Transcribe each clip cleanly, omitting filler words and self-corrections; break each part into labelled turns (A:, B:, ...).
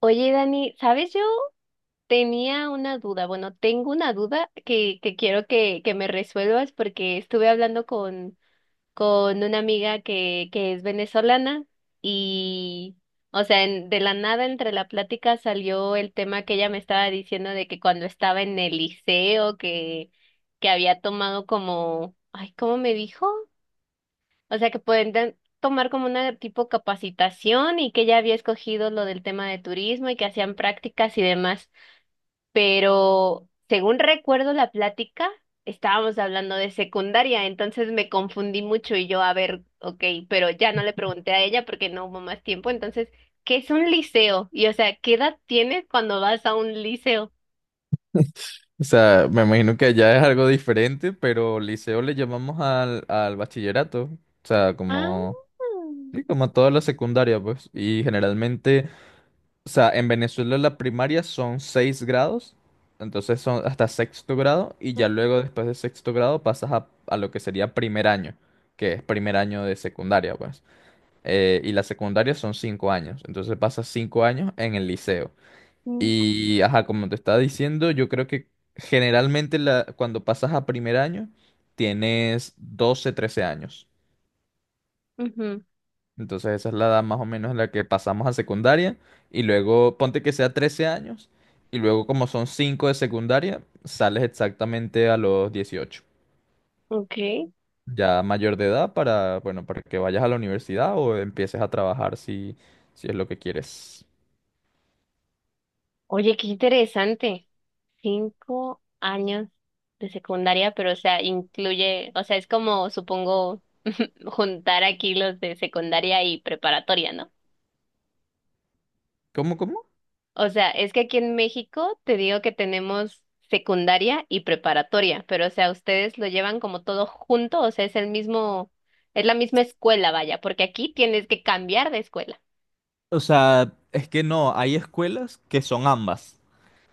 A: Oye, Dani, ¿sabes? Yo Tenía una duda, bueno, tengo una duda que quiero que me resuelvas porque estuve hablando con una amiga que es venezolana y, de la nada entre la plática salió el tema que ella me estaba diciendo de que cuando estaba en el liceo, que había tomado como, ay, ¿cómo me dijo? O sea, que pueden tomar como una tipo capacitación y que ella había escogido lo del tema de turismo y que hacían prácticas y demás. Pero según recuerdo la plática, estábamos hablando de secundaria, entonces me confundí mucho y yo, a ver, ok, pero ya no le pregunté a ella porque no hubo más tiempo. Entonces, ¿qué es un liceo? Y o sea, ¿qué edad tienes cuando vas a un liceo?
B: O sea, me imagino que allá es algo diferente, pero liceo le llamamos al bachillerato. O sea, como,
A: Ah,
B: sí, como toda la secundaria, pues. Y generalmente, o sea, en Venezuela la primaria son seis grados, entonces son hasta sexto grado, y ya luego después de sexto grado pasas a lo que sería primer año, que es primer año de secundaria, pues. Y la secundaria son 5 años, entonces pasas 5 años en el liceo.
A: ujú,
B: Y, ajá, como te estaba diciendo, yo creo que generalmente cuando pasas a primer año, tienes 12 13 años.
A: ujú,
B: Entonces esa es la edad más o menos en la que pasamos a secundaria. Y luego, ponte que sea 13 años. Y luego, como son 5 de secundaria, sales exactamente a los 18.
A: ok.
B: Ya mayor de edad para, bueno, para que vayas a la universidad o empieces a trabajar si, si es lo que quieres.
A: Oye, qué interesante. 5 años de secundaria, pero o sea, incluye, o sea, es como, supongo, juntar aquí los de secundaria y preparatoria, ¿no?
B: ¿Cómo, cómo?
A: O sea, es que aquí en México te digo que tenemos secundaria y preparatoria, pero o sea, ustedes lo llevan como todo junto, o sea, es el mismo, es la misma escuela, vaya, porque aquí tienes que cambiar de escuela.
B: O sea, es que no, hay escuelas que son ambas.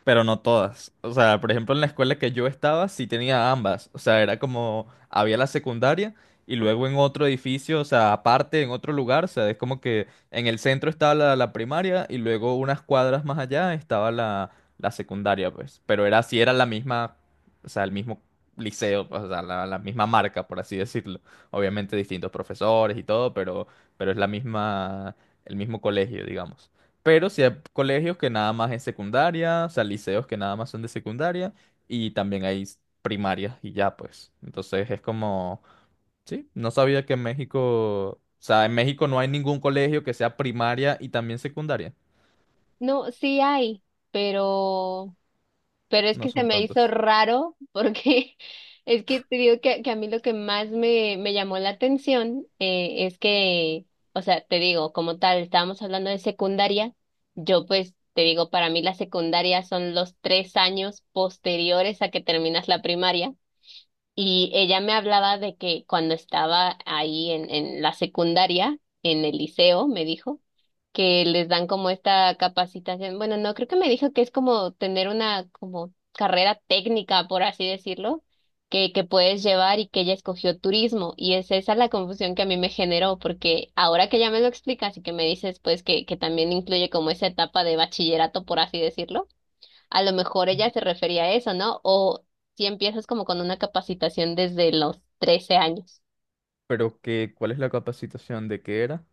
B: Pero no todas. O sea, por ejemplo, en la escuela que yo estaba sí tenía ambas. O sea, era como, había la secundaria y luego en otro edificio, o sea, aparte, en otro lugar, o sea, es como que en el centro estaba la primaria y luego unas cuadras más allá estaba la secundaria, pues. Pero era así, era la misma, o sea, el mismo liceo, pues, o sea, la misma marca, por así decirlo. Obviamente distintos profesores y todo, pero es la misma, el mismo colegio, digamos. Pero sí hay colegios que nada más es secundaria, o sea, liceos que nada más son de secundaria y también hay primarias y ya pues. Entonces es como, sí, no sabía que en México, o sea, en México no hay ningún colegio que sea primaria y también secundaria.
A: No, sí hay, pero... Pero es
B: No
A: que se
B: son
A: me hizo
B: tantos.
A: raro porque es que te digo que a mí lo que más me llamó la atención es que, o sea, te digo, como tal, estábamos hablando de secundaria, yo pues te digo, para mí la secundaria son los 3 años posteriores a que terminas la primaria. Y ella me hablaba de que cuando estaba ahí en la secundaria, en el liceo, me dijo, que les dan como esta capacitación. Bueno, no, creo que me dijo que es como tener una como carrera técnica, por así decirlo, que puedes llevar y que ella escogió turismo. Y es esa la confusión que a mí me generó, porque ahora que ya me lo explicas y que me dices pues que también incluye como esa etapa de bachillerato, por así decirlo, a lo mejor ella se refería a eso, ¿no? O si empiezas como con una capacitación desde los 13 años.
B: Pero que, ¿cuál es la capacitación de qué era?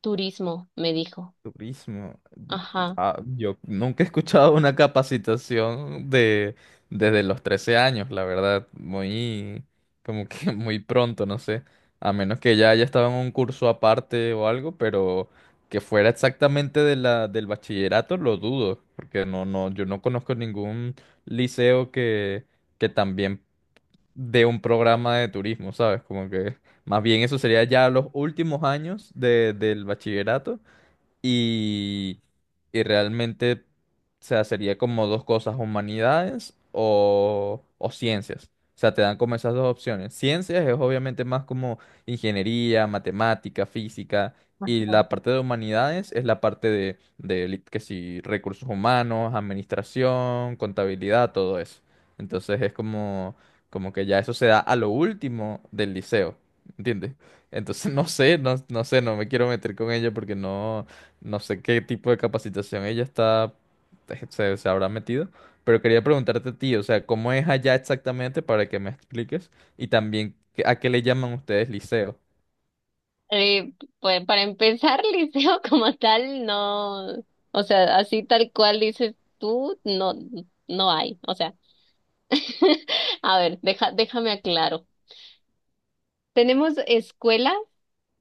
A: Turismo, me dijo.
B: Turismo.
A: Ajá.
B: Ah, yo nunca he escuchado una capacitación de desde los 13 años, la verdad, muy como que muy pronto, no sé, a menos que ya haya estado en un curso aparte o algo, pero que fuera exactamente de la del bachillerato lo dudo, porque no no yo no conozco ningún liceo que también dé un programa de turismo, ¿sabes? Como que más bien eso sería ya los últimos años del bachillerato y, y realmente, o sea, sería como dos cosas, humanidades o ciencias. O sea, te dan como esas dos opciones. Ciencias es obviamente más como ingeniería, matemática, física. Y
A: Ajá.
B: la parte de humanidades es la parte de que si recursos humanos, administración, contabilidad, todo eso. Entonces es como que ya eso se da a lo último del liceo, ¿entiendes? Entonces no sé, no, no sé, no me quiero meter con ella porque no, no sé qué tipo de capacitación ella está, se, se habrá metido, pero quería preguntarte a ti, o sea, ¿cómo es allá exactamente para que me expliques? Y también, ¿a qué le llaman ustedes liceo?
A: Eh, pues para empezar, liceo como tal, no, o sea, así tal cual dices tú, no, no hay. O sea, a ver, déjame aclaro. Tenemos escuela...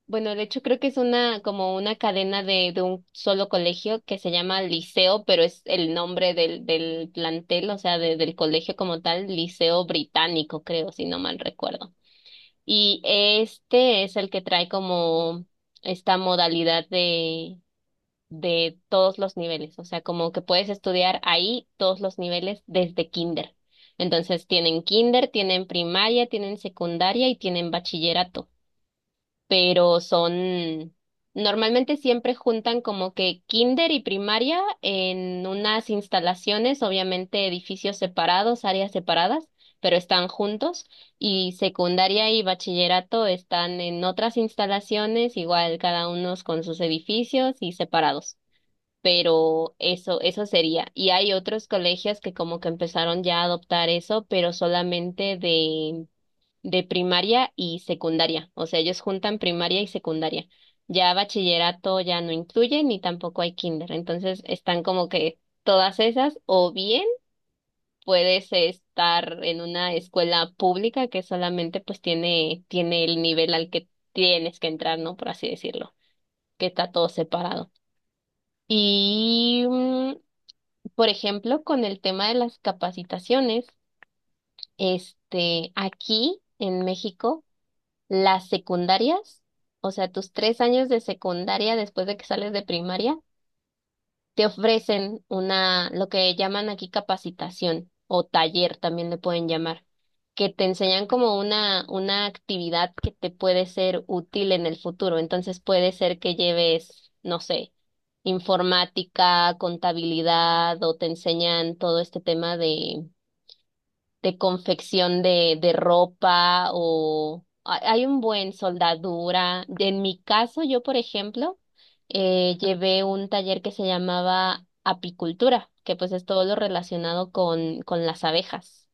A: Bueno, de hecho creo que es una como una cadena de un solo colegio que se llama Liceo, pero es el nombre del plantel, o sea, del colegio como tal, Liceo Británico, creo, si no mal recuerdo. Y este es el que trae como esta modalidad de todos los niveles, o sea, como que puedes estudiar ahí todos los niveles desde kinder. Entonces tienen kinder, tienen primaria, tienen secundaria y tienen bachillerato, pero son, normalmente siempre juntan como que kinder y primaria en unas instalaciones, obviamente edificios separados, áreas separadas, pero están juntos, y secundaria y bachillerato están en otras instalaciones, igual cada uno con sus edificios y separados. Pero eso sería. Y hay otros colegios que como que empezaron ya a adoptar eso, pero solamente de primaria y secundaria. O sea, ellos juntan primaria y secundaria. Ya bachillerato ya no incluye, ni tampoco hay kinder. Entonces están como que todas esas, o bien puedes estar en una escuela pública que solamente pues tiene el nivel al que tienes que entrar, ¿no? Por así decirlo, que está todo separado. Y, por ejemplo, con el tema de las capacitaciones, este, aquí en México, las secundarias, o sea, tus 3 años de secundaria después de que sales de primaria, te ofrecen una, lo que llaman aquí capacitación o taller también le pueden llamar, que te enseñan como una actividad que te puede ser útil en el futuro. Entonces puede ser que lleves, no sé, informática, contabilidad o te enseñan todo este tema de confección de ropa o hay un buen soldadura. En mi caso, yo, por ejemplo, llevé un taller que se llamaba apicultura, que pues es todo lo relacionado con las abejas.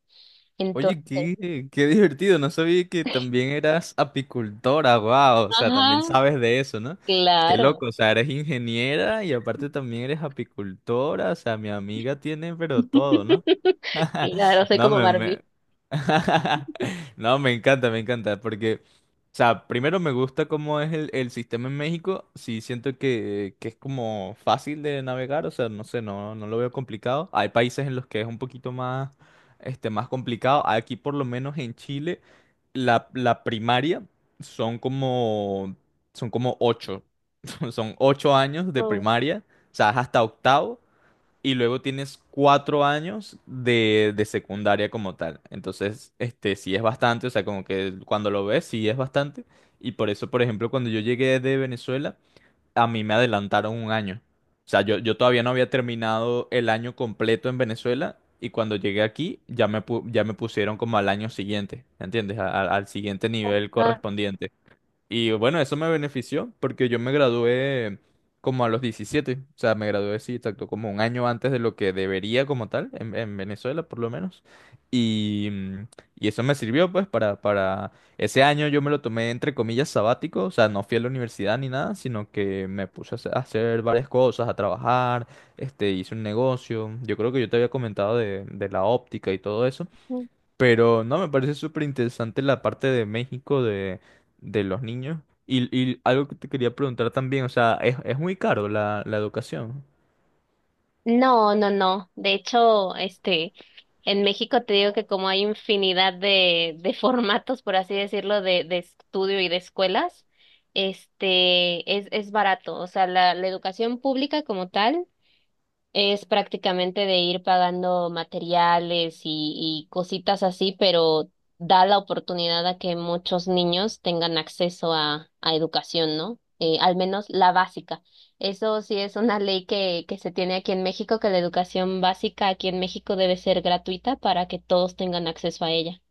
A: Entonces,
B: Oye, qué divertido, no sabía que también eras apicultora, wow, o sea,
A: ajá,
B: también sabes de eso, ¿no? Qué
A: claro.
B: loco, o sea, eres ingeniera y aparte también eres apicultora, o sea, mi amiga tiene pero todo, ¿no?
A: Claro, soy
B: No,
A: como
B: me, me...
A: Barbie.
B: No, me encanta, porque, o sea, primero me gusta cómo es el sistema en México, sí siento que, es como fácil de navegar, o sea, no sé, no, no lo veo complicado. Hay países en los que es un poquito más complicado. Aquí, por lo menos en Chile, la primaria son como, son como 8. Son 8 años de
A: Oh,
B: primaria, o sea, es hasta octavo, y luego tienes 4 años de secundaria como tal. Entonces, sí es bastante, o sea, como que cuando lo ves, sí es bastante. Y por eso, por ejemplo, cuando yo llegué de Venezuela, a mí me adelantaron un año. O sea, yo todavía no había terminado el año completo en Venezuela y cuando llegué aquí ya me pusieron como al año siguiente, ¿me entiendes? Al siguiente nivel
A: ah.
B: correspondiente. Y bueno, eso me benefició porque yo me gradué como a los 17. O sea, me gradué, sí, exacto, como un año antes de lo que debería como tal, en, Venezuela por lo menos. Y, y eso me sirvió pues para… Ese año yo me lo tomé entre comillas sabático, o sea, no fui a la universidad ni nada, sino que me puse a hacer varias cosas, a trabajar, hice un negocio. Yo creo que yo te había comentado de la óptica y todo eso. Pero no, me parece súper interesante la parte de México de los niños. Y algo que te quería preguntar también, o sea, es muy caro la educación.
A: No, no, no. De hecho, este, en México te digo que como hay infinidad de formatos, por así decirlo, de estudio y de escuelas, este, es barato. O sea, la educación pública como tal. Es prácticamente de ir pagando materiales y cositas así, pero da la oportunidad a que muchos niños tengan acceso a educación, ¿no? Al menos la básica. Eso sí es una ley que se tiene aquí en México, que la educación básica aquí en México debe ser gratuita para que todos tengan acceso a ella.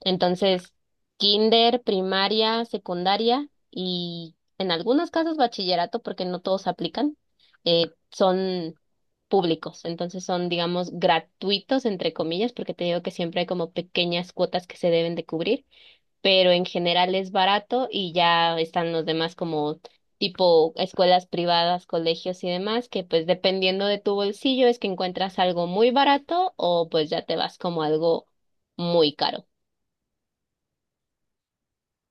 A: Entonces, kinder, primaria, secundaria y en algunos casos bachillerato, porque no todos aplican, son públicos. Entonces son, digamos, gratuitos, entre comillas, porque te digo que siempre hay como pequeñas cuotas que se deben de cubrir, pero en general es barato y ya están los demás como tipo escuelas privadas, colegios y demás, que pues dependiendo de tu bolsillo es que encuentras algo muy barato o pues ya te vas como algo muy caro.